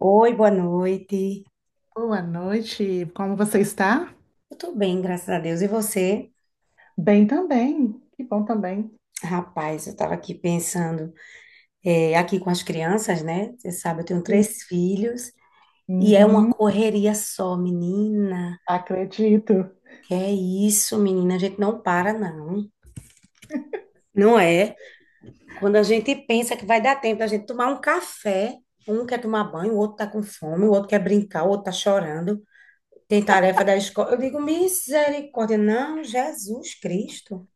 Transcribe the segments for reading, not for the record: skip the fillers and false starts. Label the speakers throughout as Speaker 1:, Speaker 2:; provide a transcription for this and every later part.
Speaker 1: Oi, boa noite.
Speaker 2: Boa noite, como você está?
Speaker 1: Eu tô bem, graças a Deus. E você?
Speaker 2: Bem também, que bom também,
Speaker 1: Rapaz, eu tava aqui pensando, aqui com as crianças, né? Você sabe, eu tenho
Speaker 2: sim.
Speaker 1: três filhos e é uma
Speaker 2: Uhum,
Speaker 1: correria só, menina.
Speaker 2: acredito.
Speaker 1: Que é isso, menina? A gente não para, não. Não é? Quando a gente pensa que vai dar tempo da gente tomar um café, um quer tomar banho, o outro tá com fome, o outro quer brincar, o outro tá chorando. Tem tarefa da escola. Eu digo, misericórdia. Não, Jesus Cristo.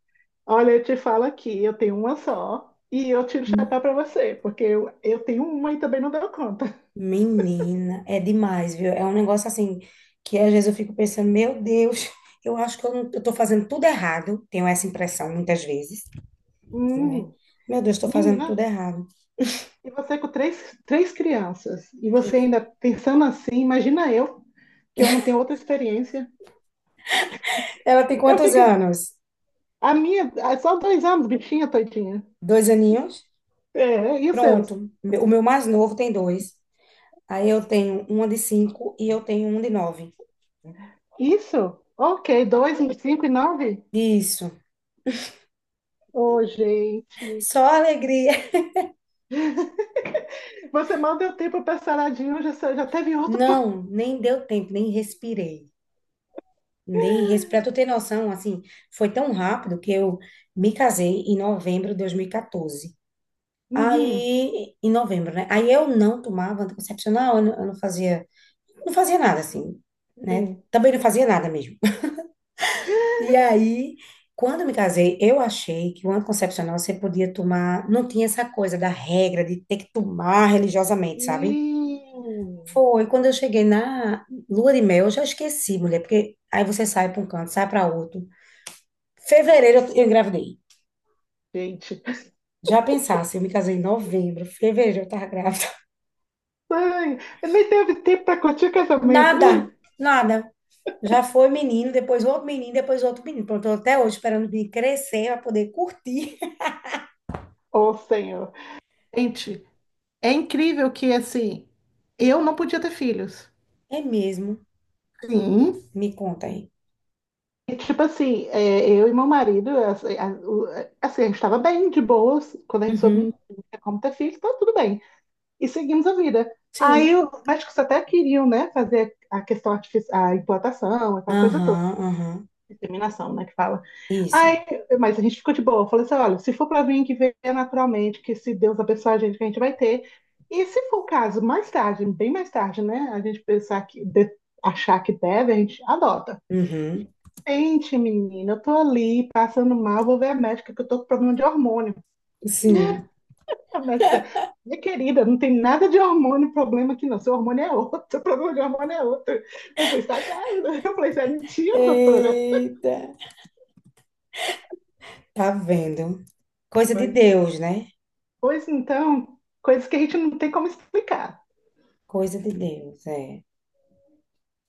Speaker 2: Olha, eu te falo aqui, eu tenho uma só e eu tiro o chapéu para você, porque eu tenho uma e também não deu conta.
Speaker 1: Menina, é demais, viu? É um negócio assim que às vezes eu fico pensando, meu Deus, eu acho que eu não, eu tô fazendo tudo errado. Tenho essa impressão muitas vezes, né?
Speaker 2: Hum,
Speaker 1: Meu Deus, tô fazendo tudo
Speaker 2: Menina,
Speaker 1: errado.
Speaker 2: e você com três, três crianças, e você ainda pensando assim, imagina eu, que eu não tenho outra experiência.
Speaker 1: Ela tem
Speaker 2: Eu
Speaker 1: quantos
Speaker 2: fico,
Speaker 1: anos?
Speaker 2: a minha, é só 2 anos, bichinha, tadinha.
Speaker 1: Dois aninhos?
Speaker 2: É, e os seus?
Speaker 1: Pronto. O meu mais novo tem dois. Aí eu tenho uma de cinco e eu tenho um de nove.
Speaker 2: Isso? Ok, 2, 5 e 9?
Speaker 1: Isso.
Speaker 2: Ô, gente.
Speaker 1: Só alegria.
Speaker 2: Você mal deu tempo para saradinho, já, já teve outro.
Speaker 1: Não, nem deu tempo, nem respirei. Nem para tu ter noção, assim, foi tão rápido que eu me casei em novembro de 2014.
Speaker 2: Uhum,
Speaker 1: Aí, em novembro, né? Aí eu não tomava anticoncepcional, eu não fazia, não fazia nada, assim, né?
Speaker 2: sim.
Speaker 1: Também não fazia nada mesmo. E aí, quando eu me casei, eu achei que o anticoncepcional você podia tomar, não tinha essa coisa da regra de ter que tomar religiosamente, sabe?
Speaker 2: Sim.
Speaker 1: Foi quando eu cheguei na lua de mel, eu já esqueci, mulher, porque aí você sai para um canto, sai para outro. Fevereiro eu engravidei.
Speaker 2: Gente.
Speaker 1: Já pensasse, eu me casei em novembro, fevereiro eu tava grávida.
Speaker 2: Ai, nem teve tempo para curtir o casamento.
Speaker 1: Nada, nada. Já foi menino, depois outro menino, depois outro menino. Pronto, eu tô até hoje esperando o menino crescer pra poder curtir.
Speaker 2: Ô, Senhor. Gente, é incrível que, assim, eu não podia ter filhos.
Speaker 1: É mesmo?
Speaker 2: Sim.
Speaker 1: Me conta aí.
Speaker 2: E, tipo assim, eu e meu marido, assim, assim, a gente estava bem, de boas. Quando a gente soube
Speaker 1: Uhum.
Speaker 2: não tinha como ter filhos, tá tudo bem, e seguimos a vida. Aí
Speaker 1: Sim.
Speaker 2: o os médicos até queriam, né, fazer a questão artificial, a implantação, aquela coisa toda,
Speaker 1: Aham, aham.
Speaker 2: inseminação, né, que fala.
Speaker 1: Isso.
Speaker 2: Aí, mas a gente ficou de boa. Eu falei assim, olha, se for para vir, que venha naturalmente, que se Deus abençoar a gente, que a gente vai ter. E se for o caso, mais tarde, bem mais tarde, né, a gente pensar que, achar que deve, a gente adota.
Speaker 1: Uhum.
Speaker 2: Gente, menina, eu tô ali passando mal, vou ver a médica que eu tô com problema de hormônio.
Speaker 1: Sim.
Speaker 2: A médica, minha querida, não tem nada de hormônio, problema aqui não. Seu hormônio é outro, seu problema de hormônio é outro. Você está grávida. Eu falei, isso é mentira, doutora.
Speaker 1: Eita. Tá vendo? Coisa de
Speaker 2: Pois, é.
Speaker 1: Deus, né?
Speaker 2: Pois então, coisas que a gente não tem como explicar.
Speaker 1: Coisa de Deus, é.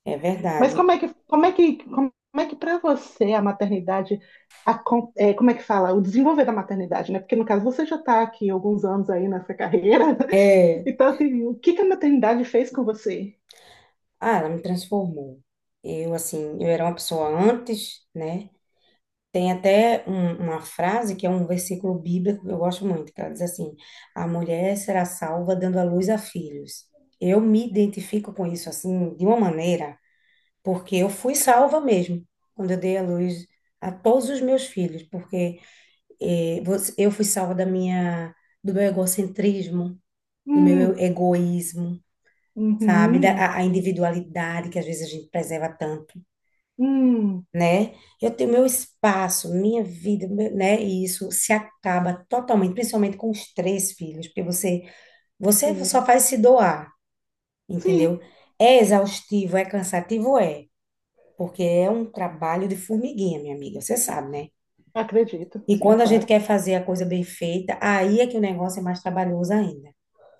Speaker 1: É
Speaker 2: Mas
Speaker 1: verdade.
Speaker 2: como é que para você a maternidade, como é que fala, o desenvolver da maternidade, né? Porque no caso você já está aqui alguns anos aí nessa carreira.
Speaker 1: É.
Speaker 2: Então, assim, o que que a maternidade fez com você?
Speaker 1: Ah, ela me transformou. Eu, assim, eu era uma pessoa antes, né? Tem até uma frase que é um versículo bíblico que eu gosto muito, que ela diz assim: a mulher será salva dando à luz a filhos. Eu me identifico com isso, assim, de uma maneira, porque eu fui salva mesmo quando eu dei à luz a todos os meus filhos, porque eu fui salva da minha, do meu egocentrismo, do meu
Speaker 2: Hum,
Speaker 1: egoísmo, sabe? Da,
Speaker 2: uhum,
Speaker 1: a individualidade que às vezes a gente preserva tanto.
Speaker 2: hum,
Speaker 1: Né? Eu tenho meu espaço, minha vida, né? E isso se acaba totalmente, principalmente com os três filhos, porque você só
Speaker 2: sim,
Speaker 1: faz se doar,
Speaker 2: sim.
Speaker 1: entendeu? É exaustivo, é cansativo, é, porque é um trabalho de formiguinha, minha amiga, você sabe, né?
Speaker 2: Acredito,
Speaker 1: E
Speaker 2: sim,
Speaker 1: quando a gente
Speaker 2: claro.
Speaker 1: quer fazer a coisa bem feita, aí é que o negócio é mais trabalhoso ainda,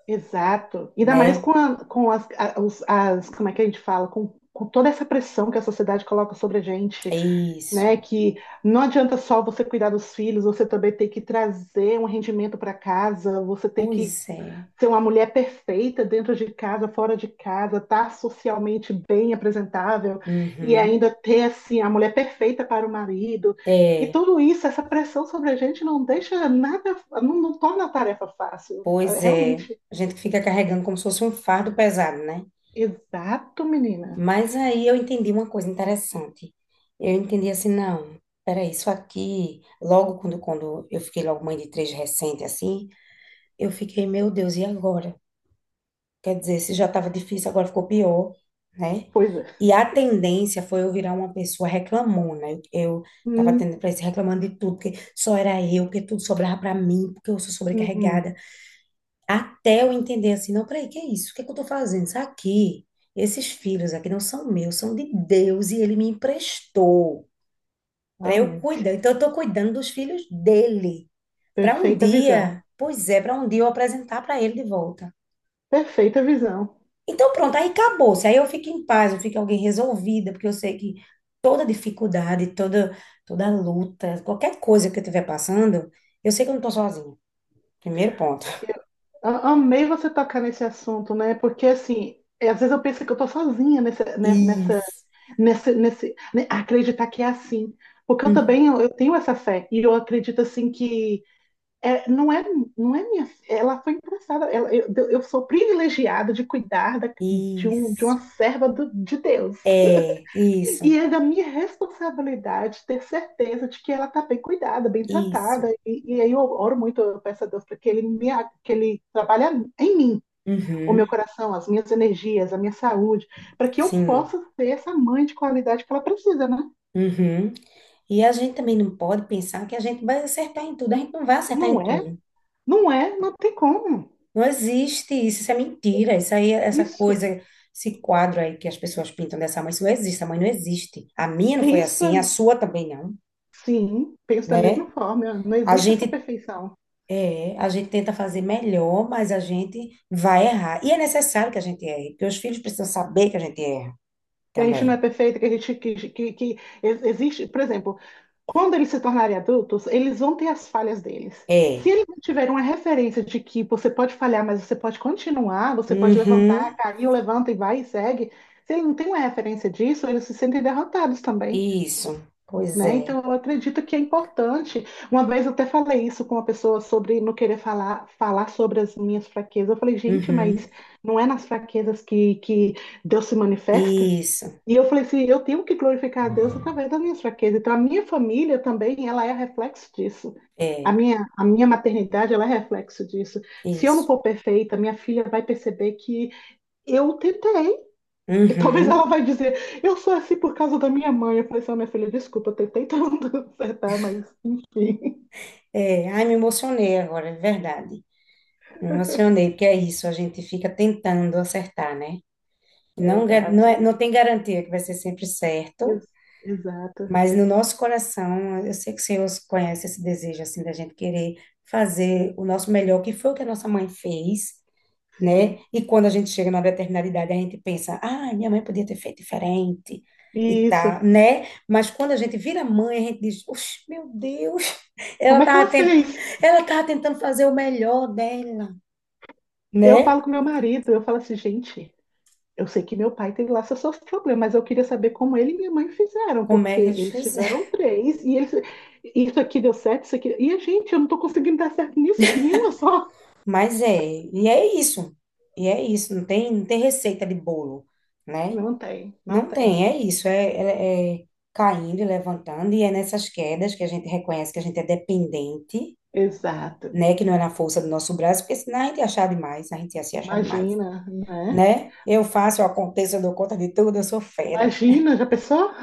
Speaker 2: Exato. Ainda mais
Speaker 1: né?
Speaker 2: com, com as, como é que a gente fala, com toda essa pressão que a sociedade coloca sobre a
Speaker 1: É
Speaker 2: gente, né?
Speaker 1: isso.
Speaker 2: Que não adianta só você cuidar dos filhos, você também tem que trazer um rendimento para casa, você tem que
Speaker 1: Pois é.
Speaker 2: ser uma mulher perfeita dentro de casa, fora de casa, estar tá socialmente bem apresentável e
Speaker 1: Uhum.
Speaker 2: ainda ter assim a mulher perfeita para o marido. E
Speaker 1: É,
Speaker 2: tudo isso, essa pressão sobre a gente não deixa nada, não torna a tarefa fácil. É
Speaker 1: pois é.
Speaker 2: realmente.
Speaker 1: A gente fica carregando como se fosse um fardo pesado, né?
Speaker 2: Exato, menina.
Speaker 1: Mas aí eu entendi uma coisa interessante. Eu entendi assim, não, peraí, isso aqui, logo quando eu fiquei logo mãe de três recente, assim, eu fiquei, meu Deus, e agora? Quer dizer, se já estava difícil, agora ficou pior, né?
Speaker 2: Pois é.
Speaker 1: E a tendência foi eu virar uma pessoa reclamona. Eu tava
Speaker 2: Hum,
Speaker 1: tendo para isso, reclamando de tudo, porque só era eu, porque tudo sobrava para mim, porque eu sou
Speaker 2: hum, hum.
Speaker 1: sobrecarregada. Até eu entender assim, não, peraí, que é isso? O que é que eu tô fazendo? Isso aqui, esses filhos aqui não são meus, são de Deus e ele me emprestou para eu
Speaker 2: Amém.
Speaker 1: cuidar. Então eu tô cuidando dos filhos dele. Para um
Speaker 2: Perfeita visão.
Speaker 1: dia, pois é, para um dia eu apresentar para ele de volta.
Speaker 2: Perfeita visão.
Speaker 1: Então pronto, aí acabou. Se aí eu fico em paz, eu fico alguém resolvida, porque eu sei que toda dificuldade, toda luta, qualquer coisa que eu estiver passando, eu sei que eu não tô sozinha. Primeiro ponto.
Speaker 2: Amei você tocar nesse assunto, né? Porque assim, às vezes eu penso que eu tô sozinha nessa,
Speaker 1: Isso.
Speaker 2: nesse, né, acreditar que é assim. Porque eu também
Speaker 1: Uhum.
Speaker 2: tenho essa fé e eu acredito assim que não é minha, ela foi emprestada, ela, eu sou privilegiada de cuidar de uma
Speaker 1: Isso.
Speaker 2: serva de Deus,
Speaker 1: É, isso,
Speaker 2: e é da minha responsabilidade ter certeza de que ela está bem cuidada, bem
Speaker 1: isso.
Speaker 2: tratada, aí eu oro muito, eu peço a Deus para que ele me que ele trabalhe em mim, o meu
Speaker 1: Uhum,
Speaker 2: coração, as minhas energias, a minha saúde, para que eu
Speaker 1: sim.
Speaker 2: possa ser essa mãe de qualidade que ela precisa, né.
Speaker 1: Uhum. E a gente também não pode pensar que a gente vai acertar em tudo. A gente não vai acertar em
Speaker 2: Não é?
Speaker 1: tudo.
Speaker 2: Não é? Não tem como.
Speaker 1: Não existe isso, isso é mentira. Isso aí, essa
Speaker 2: Isso.
Speaker 1: coisa, esse quadro aí que as pessoas pintam dessa mãe, isso não existe. A mãe não existe. A minha não foi
Speaker 2: Pensa,
Speaker 1: assim, a sua também não,
Speaker 2: sim, pensa da mesma
Speaker 1: né?
Speaker 2: forma. Não
Speaker 1: A
Speaker 2: existe essa
Speaker 1: gente
Speaker 2: perfeição.
Speaker 1: a gente tenta fazer melhor, mas a gente vai errar. E é necessário que a gente erre, porque os filhos precisam saber que a gente erra
Speaker 2: Que a gente não é
Speaker 1: também.
Speaker 2: perfeito, que a gente existe, por exemplo, quando eles se tornarem adultos, eles vão ter as falhas deles. Se
Speaker 1: É.
Speaker 2: eles não tiverem uma referência de que você pode falhar, mas você pode continuar, você pode levantar,
Speaker 1: Uhum.
Speaker 2: caiu, levanta e vai e segue. Se eles não têm uma referência disso, eles se sentem derrotados também.
Speaker 1: Isso, pois
Speaker 2: Né?
Speaker 1: é.
Speaker 2: Então, eu acredito que é importante. Uma vez eu até falei isso com uma pessoa sobre não querer falar, falar sobre as minhas fraquezas. Eu falei, gente,
Speaker 1: Uhum.
Speaker 2: mas não é nas fraquezas que, Deus se manifesta?
Speaker 1: Isso,
Speaker 2: E eu falei assim, eu tenho que glorificar a Deus através das minhas fraquezas. Então, a minha família também, ela é reflexo disso. A
Speaker 1: é,
Speaker 2: minha, a minha maternidade, ela é reflexo disso. Se eu não
Speaker 1: isso.
Speaker 2: for perfeita, minha filha vai perceber que eu tentei, e talvez
Speaker 1: Uhum.
Speaker 2: ela vai dizer, eu sou assim por causa da minha mãe. Eu falei assim, "Ó, minha filha, desculpa, eu tentei tanto acertar, mas enfim.
Speaker 1: É, ai, me emocionei agora, é verdade. Me emocionei, porque é isso, a gente fica tentando acertar, né? Não,
Speaker 2: Exato.
Speaker 1: é, não tem garantia que vai ser sempre certo,
Speaker 2: Ex- exato.
Speaker 1: mas no nosso coração, eu sei que o Senhor conhece esse desejo, assim, da gente querer fazer o nosso melhor, que foi o que a nossa mãe fez, né?
Speaker 2: Sim.
Speaker 1: E quando a gente chega numa determinada idade, a gente pensa, ah, minha mãe podia ter feito diferente e
Speaker 2: E
Speaker 1: tá,
Speaker 2: isso.
Speaker 1: né? Mas quando a gente vira mãe, a gente diz, Oxe, meu Deus,
Speaker 2: Como
Speaker 1: ela
Speaker 2: é que ela
Speaker 1: tava, tent...
Speaker 2: fez?
Speaker 1: ela tava tentando fazer o melhor dela,
Speaker 2: Eu
Speaker 1: né?
Speaker 2: falo com meu marido, eu falo assim, gente, eu sei que meu pai tem lá seus problemas, mas eu queria saber como ele e minha mãe fizeram,
Speaker 1: Como
Speaker 2: porque
Speaker 1: é que eles
Speaker 2: eles
Speaker 1: fizeram?
Speaker 2: tiveram três, e eles, isso aqui deu certo, isso aqui. E a gente, eu não tô conseguindo dar certo nisso, nenhuma só.
Speaker 1: Mas é, e é isso, e é isso, não tem receita de bolo, né?
Speaker 2: Não tem, não
Speaker 1: Não
Speaker 2: tem.
Speaker 1: tem, é isso, é, é caindo e levantando, e é nessas quedas que a gente reconhece que a gente é dependente,
Speaker 2: Exato.
Speaker 1: né? Que não é na força do nosso braço, porque senão a gente ia achar demais, a gente ia se achar demais,
Speaker 2: Imagina, né?
Speaker 1: né? Eu faço, eu aconteço, eu dou conta de tudo, eu sou fera,
Speaker 2: Imagina, já pensou?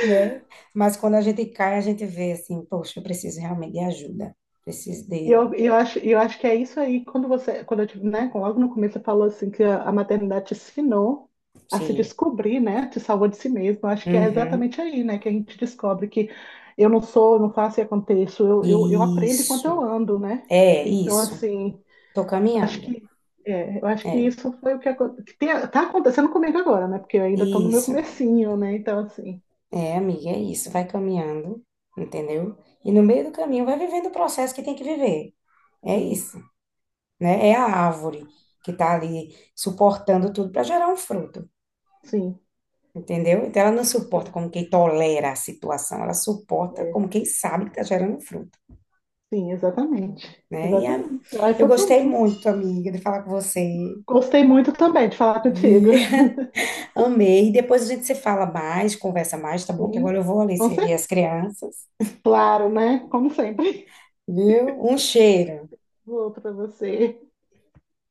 Speaker 1: né? Mas quando a gente cai, a gente vê assim, poxa, eu preciso realmente de ajuda, preciso
Speaker 2: E
Speaker 1: de,
Speaker 2: eu acho, que é isso aí, quando você, quando eu tive, né, logo no começo você falou assim que a maternidade te ensinou a se
Speaker 1: sim,
Speaker 2: descobrir, né, te salvou de si mesmo. Eu acho que é
Speaker 1: uhum,
Speaker 2: exatamente aí, né, que a gente descobre que eu não sou, não faço e aconteço, eu aprendo enquanto eu
Speaker 1: isso,
Speaker 2: ando, né?
Speaker 1: é
Speaker 2: Então,
Speaker 1: isso,
Speaker 2: assim,
Speaker 1: tô
Speaker 2: acho
Speaker 1: caminhando,
Speaker 2: que, eu acho que
Speaker 1: é,
Speaker 2: isso foi o que, tá acontecendo comigo agora, né, porque eu ainda estou no meu
Speaker 1: isso,
Speaker 2: comecinho, né, então, assim,
Speaker 1: é, amiga, é isso, vai caminhando, entendeu? E no meio do caminho vai vivendo o processo que tem que viver, é
Speaker 2: sim,
Speaker 1: isso. Né? É a árvore que está ali suportando tudo para gerar um fruto,
Speaker 2: sim.
Speaker 1: entendeu? Então ela não suporta como quem tolera a situação, ela suporta como
Speaker 2: É.
Speaker 1: quem sabe que está gerando um fruto,
Speaker 2: Sim, exatamente.
Speaker 1: né?
Speaker 2: Exatamente. Aí
Speaker 1: Eu
Speaker 2: foi
Speaker 1: gostei
Speaker 2: tudo.
Speaker 1: muito, amiga, de falar com você,
Speaker 2: Gostei muito também de falar
Speaker 1: vi,
Speaker 2: contigo.
Speaker 1: amei. Depois a gente se fala mais, conversa mais, tá bom? Que agora
Speaker 2: Sim,
Speaker 1: eu vou ali
Speaker 2: com
Speaker 1: servir
Speaker 2: certeza.
Speaker 1: as crianças,
Speaker 2: Claro, né? Como sempre.
Speaker 1: viu? Um cheiro.
Speaker 2: Vou para você.